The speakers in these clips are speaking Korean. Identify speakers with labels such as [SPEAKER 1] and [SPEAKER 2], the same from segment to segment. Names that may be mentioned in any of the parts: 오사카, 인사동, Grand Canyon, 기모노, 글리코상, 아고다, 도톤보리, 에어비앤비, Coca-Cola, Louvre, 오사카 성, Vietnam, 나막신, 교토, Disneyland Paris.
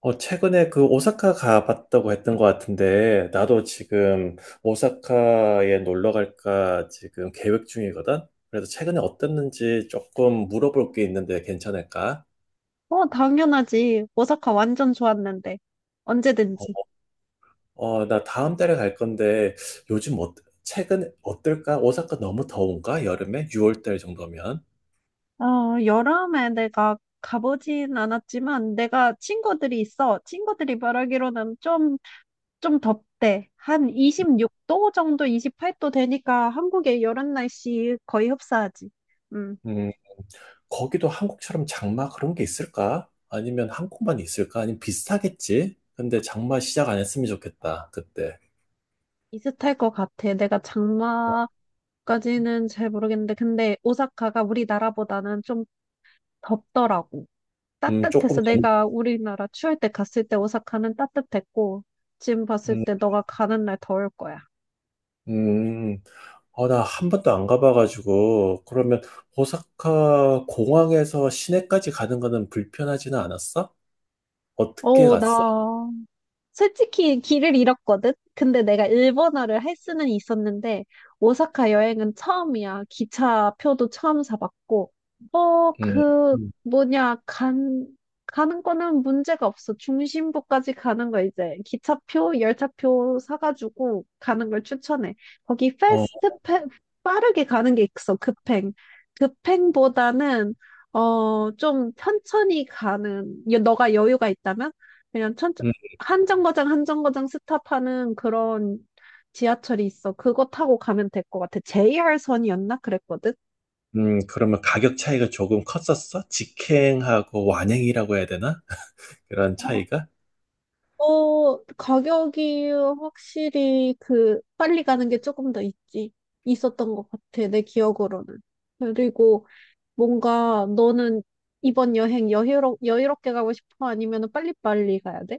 [SPEAKER 1] 최근에 그 오사카 가봤다고 했던 것 같은데, 나도 지금 오사카에 놀러 갈까 지금 계획 중이거든? 그래서 최근에 어땠는지 조금 물어볼 게 있는데 괜찮을까?
[SPEAKER 2] 당연하지. 오사카 완전 좋았는데. 언제든지.
[SPEAKER 1] 어, 나 다음 달에 갈 건데, 요즘 어, 최근 어떨까? 오사카 너무 더운가? 여름에? 6월 달 정도면?
[SPEAKER 2] 어, 여름에 내가 가보진 않았지만, 내가 친구들이 있어. 친구들이 말하기로는 좀 덥대. 한 26도 정도, 28도 되니까 한국의 여름 날씨 거의 흡사하지. 음,
[SPEAKER 1] 음, 거기도 한국처럼 장마 그런 게 있을까? 아니면 한국만 있을까? 아니면 비슷하겠지? 근데 장마 시작 안 했으면 좋겠다, 그때.
[SPEAKER 2] 비슷할 것 같아. 내가
[SPEAKER 1] 어,
[SPEAKER 2] 장마까지는 잘 모르겠는데, 근데 오사카가 우리나라보다는 좀 덥더라고. 따
[SPEAKER 1] 음,
[SPEAKER 2] 뜻해
[SPEAKER 1] 조금
[SPEAKER 2] 서
[SPEAKER 1] 남,
[SPEAKER 2] 내가 우리나라 추울 때 갔을 때 오사카는 따뜻했고, 지금 봤을
[SPEAKER 1] 음.
[SPEAKER 2] 때 너가 가는 날 더울 거야.
[SPEAKER 1] 음, 나 한 번도 안 가봐가지고, 그러면 오사카 공항에서 시내까지 가는 거는 불편하지는 않았어? 어떻게 갔어?
[SPEAKER 2] 나 솔직히 길을 잃었거든? 근데 내가 일본어를 할 수는 있었는데, 오사카 여행은 처음이야. 기차표도 처음 사봤고, 어,
[SPEAKER 1] 음,
[SPEAKER 2] 그,
[SPEAKER 1] 음,
[SPEAKER 2] 뭐냐, 간, 가는 거는 문제가 없어. 중심부까지 가는 거 이제 기차표, 열차표 사가지고 가는 걸 추천해. 거기
[SPEAKER 1] 어,
[SPEAKER 2] 빠르게 가는 게 있어. 급행. 급행보다는, 좀 천천히 가는, 너가 여유가 있다면? 그냥 천천
[SPEAKER 1] 음,
[SPEAKER 2] 한 정거장 한 정거장 스탑하는 그런 지하철이 있어. 그거 타고 가면 될 것 같아. JR선이었나? 그랬거든?
[SPEAKER 1] 그러면 가격 차이가 조금 컸었어? 직행하고 완행이라고 해야 되나? 그런
[SPEAKER 2] 어,
[SPEAKER 1] 차이가?
[SPEAKER 2] 가격이 확실히 그 빨리 가는 게 조금 더 있지. 있었던 것 같아. 내 기억으로는. 그리고 뭔가 너는 이번 여행 여유롭게 가고 싶어? 아니면 빨리빨리 가야 돼?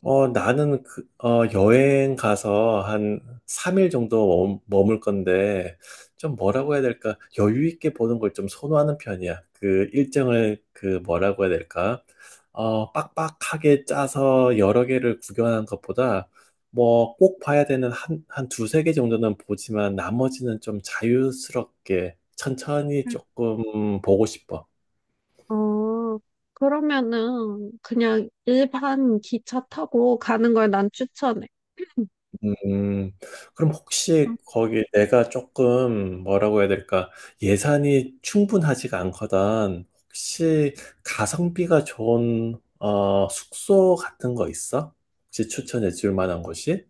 [SPEAKER 1] 여행 가서 한 3일 정도 머물 건데, 좀 뭐라고 해야 될까? 여유 있게 보는 걸 좀 선호하는 편이야. 그 일정을 그 뭐라고 해야 될까? 빡빡하게 짜서 여러 개를 구경하는 것보다, 뭐 꼭 봐야 되는 한 두세 개 정도는 보지만 나머지는 좀 자유스럽게 천천히
[SPEAKER 2] 음.
[SPEAKER 1] 조금 보고 싶어.
[SPEAKER 2] 어, 그러면은 그냥 일반 기차 타고 가는 걸 난 추천해.
[SPEAKER 1] 음, 그럼 혹시 거기 내가 조금 뭐라고 해야 될까? 예산이 충분하지가 않거든. 혹시 가성비가 좋은 숙소 같은 거 있어? 혹시 추천해 줄 만한 곳이?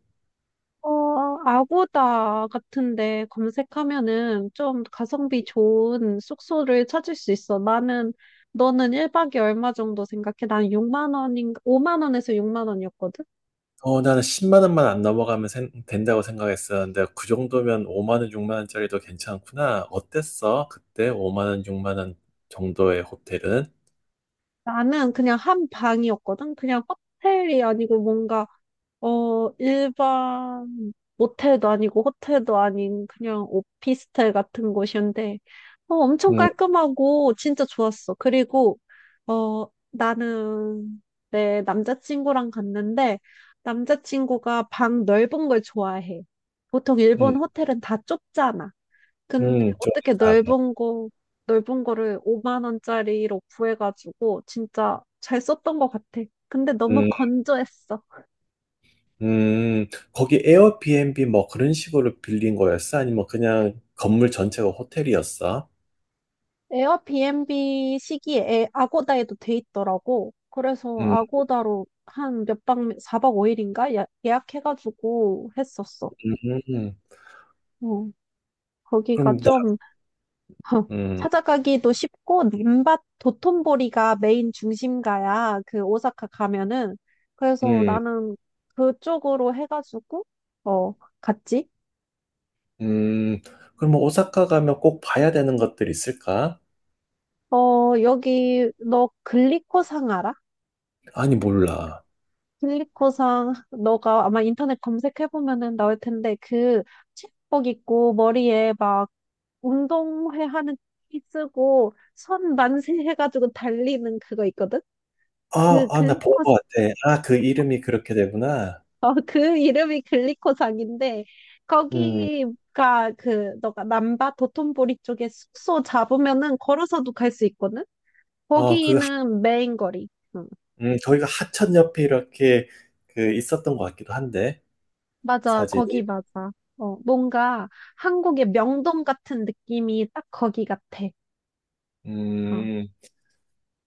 [SPEAKER 2] 아고다 같은데 검색하면은 좀 가성비 좋은 숙소를 찾을 수 있어. 너는 1박에 얼마 정도 생각해? 난 6만 원인가, 5만 원에서 6만 원이었거든?
[SPEAKER 1] 나는 10만 원만 안 넘어가면 된다고 생각했었는데 그 정도면 5만 원, 6만 원짜리도 괜찮구나. 어땠어? 그때 5만 원, 6만 원 정도의 호텔은?
[SPEAKER 2] 나는 그냥 한 방이었거든? 그냥 호텔이 아니고 뭔가 일반 모텔도 아니고 호텔도 아닌 그냥 오피스텔 같은 곳이었는데, 엄청
[SPEAKER 1] 음,
[SPEAKER 2] 깔끔하고 진짜 좋았어. 그리고, 어, 나는 내 남자친구랑 갔는데, 남자친구가 방 넓은 걸 좋아해. 보통
[SPEAKER 1] 음,
[SPEAKER 2] 일본 호텔은 다 좁잖아. 근데
[SPEAKER 1] 좀
[SPEAKER 2] 어떻게
[SPEAKER 1] 작아.
[SPEAKER 2] 넓은 거를 5만 원짜리로 구해가지고 진짜 잘 썼던 것 같아. 근데 너무
[SPEAKER 1] 음.
[SPEAKER 2] 건조했어.
[SPEAKER 1] 음, 거기 에어비앤비 뭐 그런 식으로 빌린 거였어? 아니면 그냥 건물 전체가 호텔이었어?
[SPEAKER 2] 에어비앤비 시기에 아고다에도 돼 있더라고. 그래서
[SPEAKER 1] 음,
[SPEAKER 2] 아고다로 4박 5일인가 예약해가지고 했었어.
[SPEAKER 1] 음, 음.
[SPEAKER 2] 어,
[SPEAKER 1] 그럼
[SPEAKER 2] 거기가
[SPEAKER 1] 나,
[SPEAKER 2] 좀
[SPEAKER 1] 음,
[SPEAKER 2] 찾아가기도 쉽고 님밭 도톤보리가 메인 중심가야. 그 오사카 가면은. 그래서
[SPEAKER 1] 음,
[SPEAKER 2] 나는 그쪽으로 해가지고 어, 갔지.
[SPEAKER 1] 음, 그럼 뭐 오사카 가면 꼭 봐야 되는 것들 있을까?
[SPEAKER 2] 여기 너 글리코상 알아?
[SPEAKER 1] 아니, 몰라.
[SPEAKER 2] 필리코상 너가 아마 인터넷 검색해보면은 나올 텐데 그 체육복 입고 머리에 막 운동회 하는 티 쓰고 손 만세 해가지고 달리는 그거 있거든?
[SPEAKER 1] 아,
[SPEAKER 2] 그
[SPEAKER 1] 아, 나 본
[SPEAKER 2] 글리코상
[SPEAKER 1] 거 같아. 아, 그 이름이 그렇게 되구나.
[SPEAKER 2] 그 이름이 글리코상인데
[SPEAKER 1] 음,
[SPEAKER 2] 거기가 그 너가 남바 도톤보리 쪽에 숙소 잡으면은 걸어서도 갈 수 있거든?
[SPEAKER 1] 어, 그, 하-
[SPEAKER 2] 거기는 메인 거리. 응.
[SPEAKER 1] 저희가 하천 옆에 이렇게 그 있었던 것 같기도 한데,
[SPEAKER 2] 맞아,
[SPEAKER 1] 사진이.
[SPEAKER 2] 거기 맞아. 뭔가 한국의 명동 같은 느낌이 딱 거기 같아. 어,
[SPEAKER 1] 음.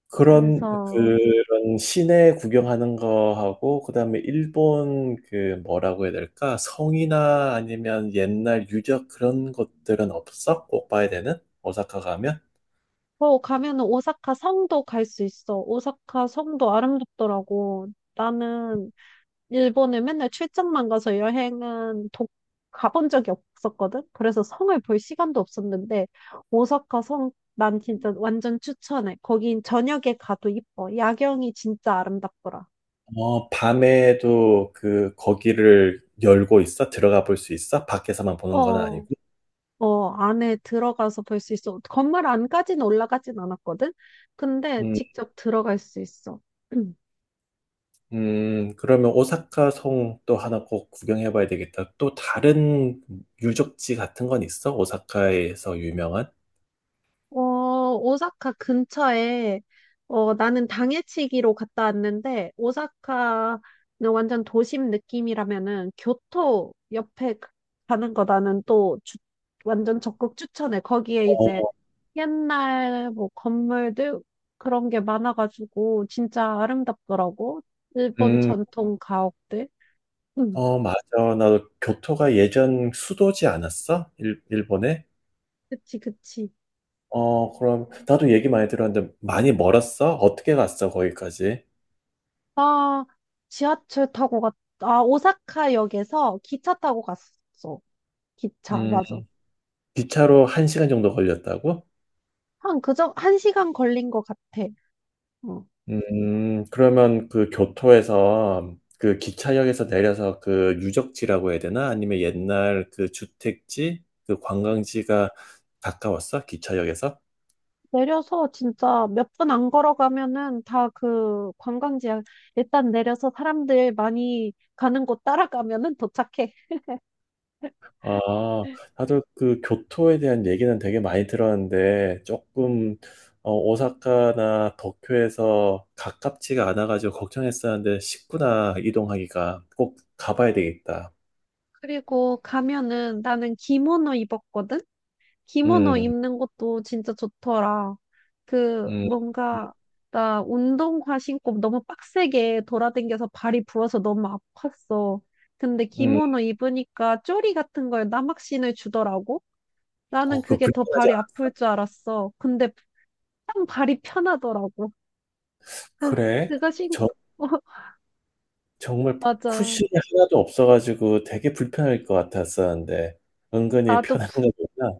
[SPEAKER 2] 그래서,
[SPEAKER 1] 그런 시내 구경하는 거하고 그다음에 일본 그 뭐라고 해야 될까? 성이나 아니면 옛날 유적 그런 것들은 없어? 꼭 봐야 되는? 오사카 가면?
[SPEAKER 2] 가면은 오사카 성도 갈 수 있어. 오사카 성도 아름답더라고. 나는 일본에 맨날 출장만 가서 가본 적이 없었거든? 그래서 성을 볼 시간도 없었는데, 오사카 성, 난 진짜 완전 추천해. 거긴 저녁에 가도 이뻐. 야경이 진짜 아름답더라.
[SPEAKER 1] 어, 밤에도 그 거기를 열고 있어? 들어가 볼 수 있어? 밖에서만 보는 건
[SPEAKER 2] 어,
[SPEAKER 1] 아니고?
[SPEAKER 2] 안에 들어가서 볼 수 있어. 건물 안까지는 올라가진 않았거든? 근데
[SPEAKER 1] 음,
[SPEAKER 2] 직접 들어갈 수 있어.
[SPEAKER 1] 그러면 오사카 성 또 하나 꼭 구경해 봐야 되겠다. 또 다른 유적지 같은 건 있어? 오사카에서 유명한?
[SPEAKER 2] 어, 오사카 근처에, 나는 당해치기로 갔다 왔는데, 오사카는 완전 도심 느낌이라면은, 교토 옆에 가는 거 나는 또 완전 적극 추천해. 거기에 이제
[SPEAKER 1] 어,
[SPEAKER 2] 옛날 뭐 건물들 그런 게 많아가지고, 진짜 아름답더라고. 일본
[SPEAKER 1] 음,
[SPEAKER 2] 전통 가옥들. 응,
[SPEAKER 1] 어, 맞아. 나도 교토가 예전 수도지 않았어? 일본에?
[SPEAKER 2] 그치, 그치.
[SPEAKER 1] 어, 그럼, 나도 얘기 많이 들었는데, 많이 멀었어? 어떻게 갔어, 거기까지?
[SPEAKER 2] 아, 지하철 타고 갔, 아, 오사카역에서 기차 타고 갔어. 기차,
[SPEAKER 1] 음,
[SPEAKER 2] 맞아.
[SPEAKER 1] 기차로 한시간 정도 걸렸다고?
[SPEAKER 2] 한 시간 걸린 것 같아. 응.
[SPEAKER 1] 그러면 그 교토에서, 그 기차역에서 내려서 그 유적지라고 해야 되나? 아니면 옛날 그 주택지? 그 관광지가 가까웠어? 기차역에서?
[SPEAKER 2] 내려서 진짜 몇 분 안 걸어가면은 다 그 관광지야. 일단 내려서 사람들 많이 가는 곳 따라가면은 도착해.
[SPEAKER 1] 아, 다들 그 교토에 대한 얘기는 되게 많이 들었는데, 조금, 어, 오사카나 도쿄에서 가깝지가 않아가지고 걱정했었는데, 쉽구나 이동하기가 꼭 가봐야 되겠다.
[SPEAKER 2] 그리고 가면은 나는 기모노 입었거든? 기모노
[SPEAKER 1] 음,
[SPEAKER 2] 입는 것도 진짜 좋더라. 그
[SPEAKER 1] 음, 음,
[SPEAKER 2] 뭔가 나 운동화 신고 너무 빡세게 돌아댕겨서 발이 부어서 너무 아팠어. 근데
[SPEAKER 1] 음.
[SPEAKER 2] 기모노 입으니까 쪼리 같은 걸 나막신을 주더라고. 나는
[SPEAKER 1] 어, 그
[SPEAKER 2] 그게 더
[SPEAKER 1] 불편하지
[SPEAKER 2] 발이
[SPEAKER 1] 않아?
[SPEAKER 2] 아플 줄 알았어. 근데 딱 발이 편하더라고. 아,
[SPEAKER 1] 그래?
[SPEAKER 2] 그거 신고
[SPEAKER 1] 저, 정말
[SPEAKER 2] 맞아.
[SPEAKER 1] 쿠션이 하나도 없어가지고 되게 불편할 것 같았었는데, 은근히
[SPEAKER 2] 나도
[SPEAKER 1] 편한 거구나.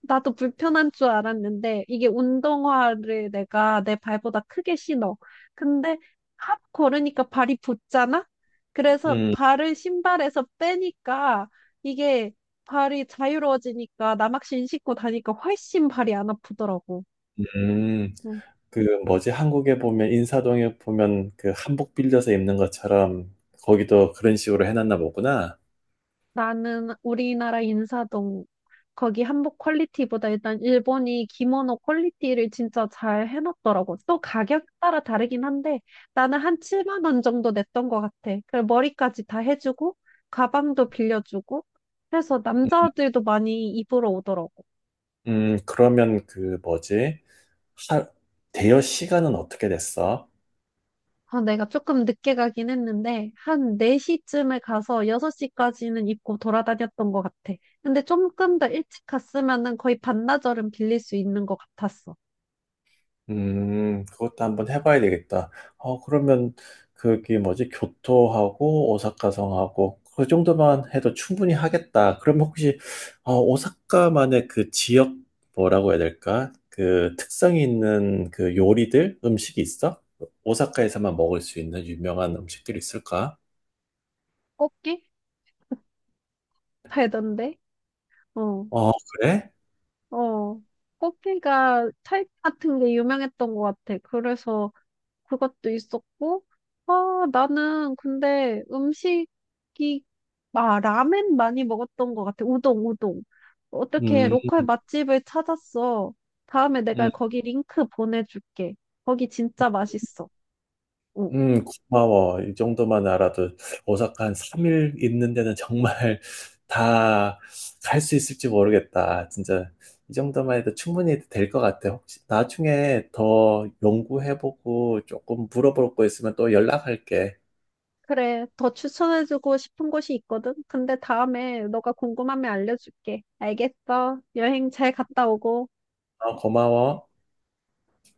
[SPEAKER 2] 나도 불편한 줄 알았는데 이게 운동화를 내가 내 발보다 크게 신어. 근데 핫 걸으니까 발이 붙잖아? 그래서
[SPEAKER 1] 음,
[SPEAKER 2] 발을 신발에서 빼니까 이게 발이 자유로워지니까 나막신 신고 다니까 훨씬 발이 안 아프더라고.
[SPEAKER 1] 음.
[SPEAKER 2] 응.
[SPEAKER 1] 그 뭐지 한국에 보면 인사동에 보면 그 한복 빌려서 입는 것처럼 거기도 그런 식으로 해놨나 보구나.
[SPEAKER 2] 나는 우리나라 인사동 거기 한복 퀄리티보다 일단 일본이 기모노 퀄리티를 진짜 잘 해놨더라고. 또 가격 따라 다르긴 한데 나는 한 7만 원 정도 냈던 것 같아. 그리고 머리까지 다 해주고 가방도 빌려주고 해서 남자들도 많이 입으러 오더라고.
[SPEAKER 1] 그러면 그 뭐지 하, 대여 시간은 어떻게 됐어?
[SPEAKER 2] 아, 내가 조금 늦게 가긴 했는데 한 4시쯤에 가서 6시까지는 입고 돌아다녔던 것 같아. 근데 조금 더 일찍 갔으면은 거의 반나절은 빌릴 수 있는 것 같았어.
[SPEAKER 1] 그것도 한번 해봐야 되겠다. 어, 그러면 그게 뭐지? 교토하고 오사카성하고 그 정도만 해도 충분히 하겠다. 그럼 혹시 어, 오사카만의 그 지역 뭐라고 해야 될까? 그 특성이 있는 그 요리들, 음식이 있어? 오사카에서만 먹을 수 있는 유명한 음식들이 있을까?
[SPEAKER 2] 꽃게 팔던데? 어.
[SPEAKER 1] 어, 그래?
[SPEAKER 2] 어, 커피가 타입 같은 게 유명했던 것 같아. 그래서 그것도 있었고, 나는 근데 라멘 많이 먹었던 것 같아. 우동, 우동. 어떻게
[SPEAKER 1] 음.
[SPEAKER 2] 로컬 맛집을 찾았어. 다음에 내가
[SPEAKER 1] 음.
[SPEAKER 2] 거기 링크 보내줄게. 거기 진짜 맛있어. 응.
[SPEAKER 1] 음, 고마워. 이 정도만 알아도 오사카 한 3일 있는 데는 정말 다 갈 수 있을지 모르겠다. 진짜 이 정도만 해도 충분히 될 것 같아. 혹시 나중에 더 연구해보고 조금 물어볼 거 있으면 또 연락할게.
[SPEAKER 2] 그래, 더 추천해주고 싶은 곳이 있거든. 근데 다음에 너가 궁금하면 알려줄게. 알겠어. 여행 잘 갔다 오고.
[SPEAKER 1] 어, 고마워.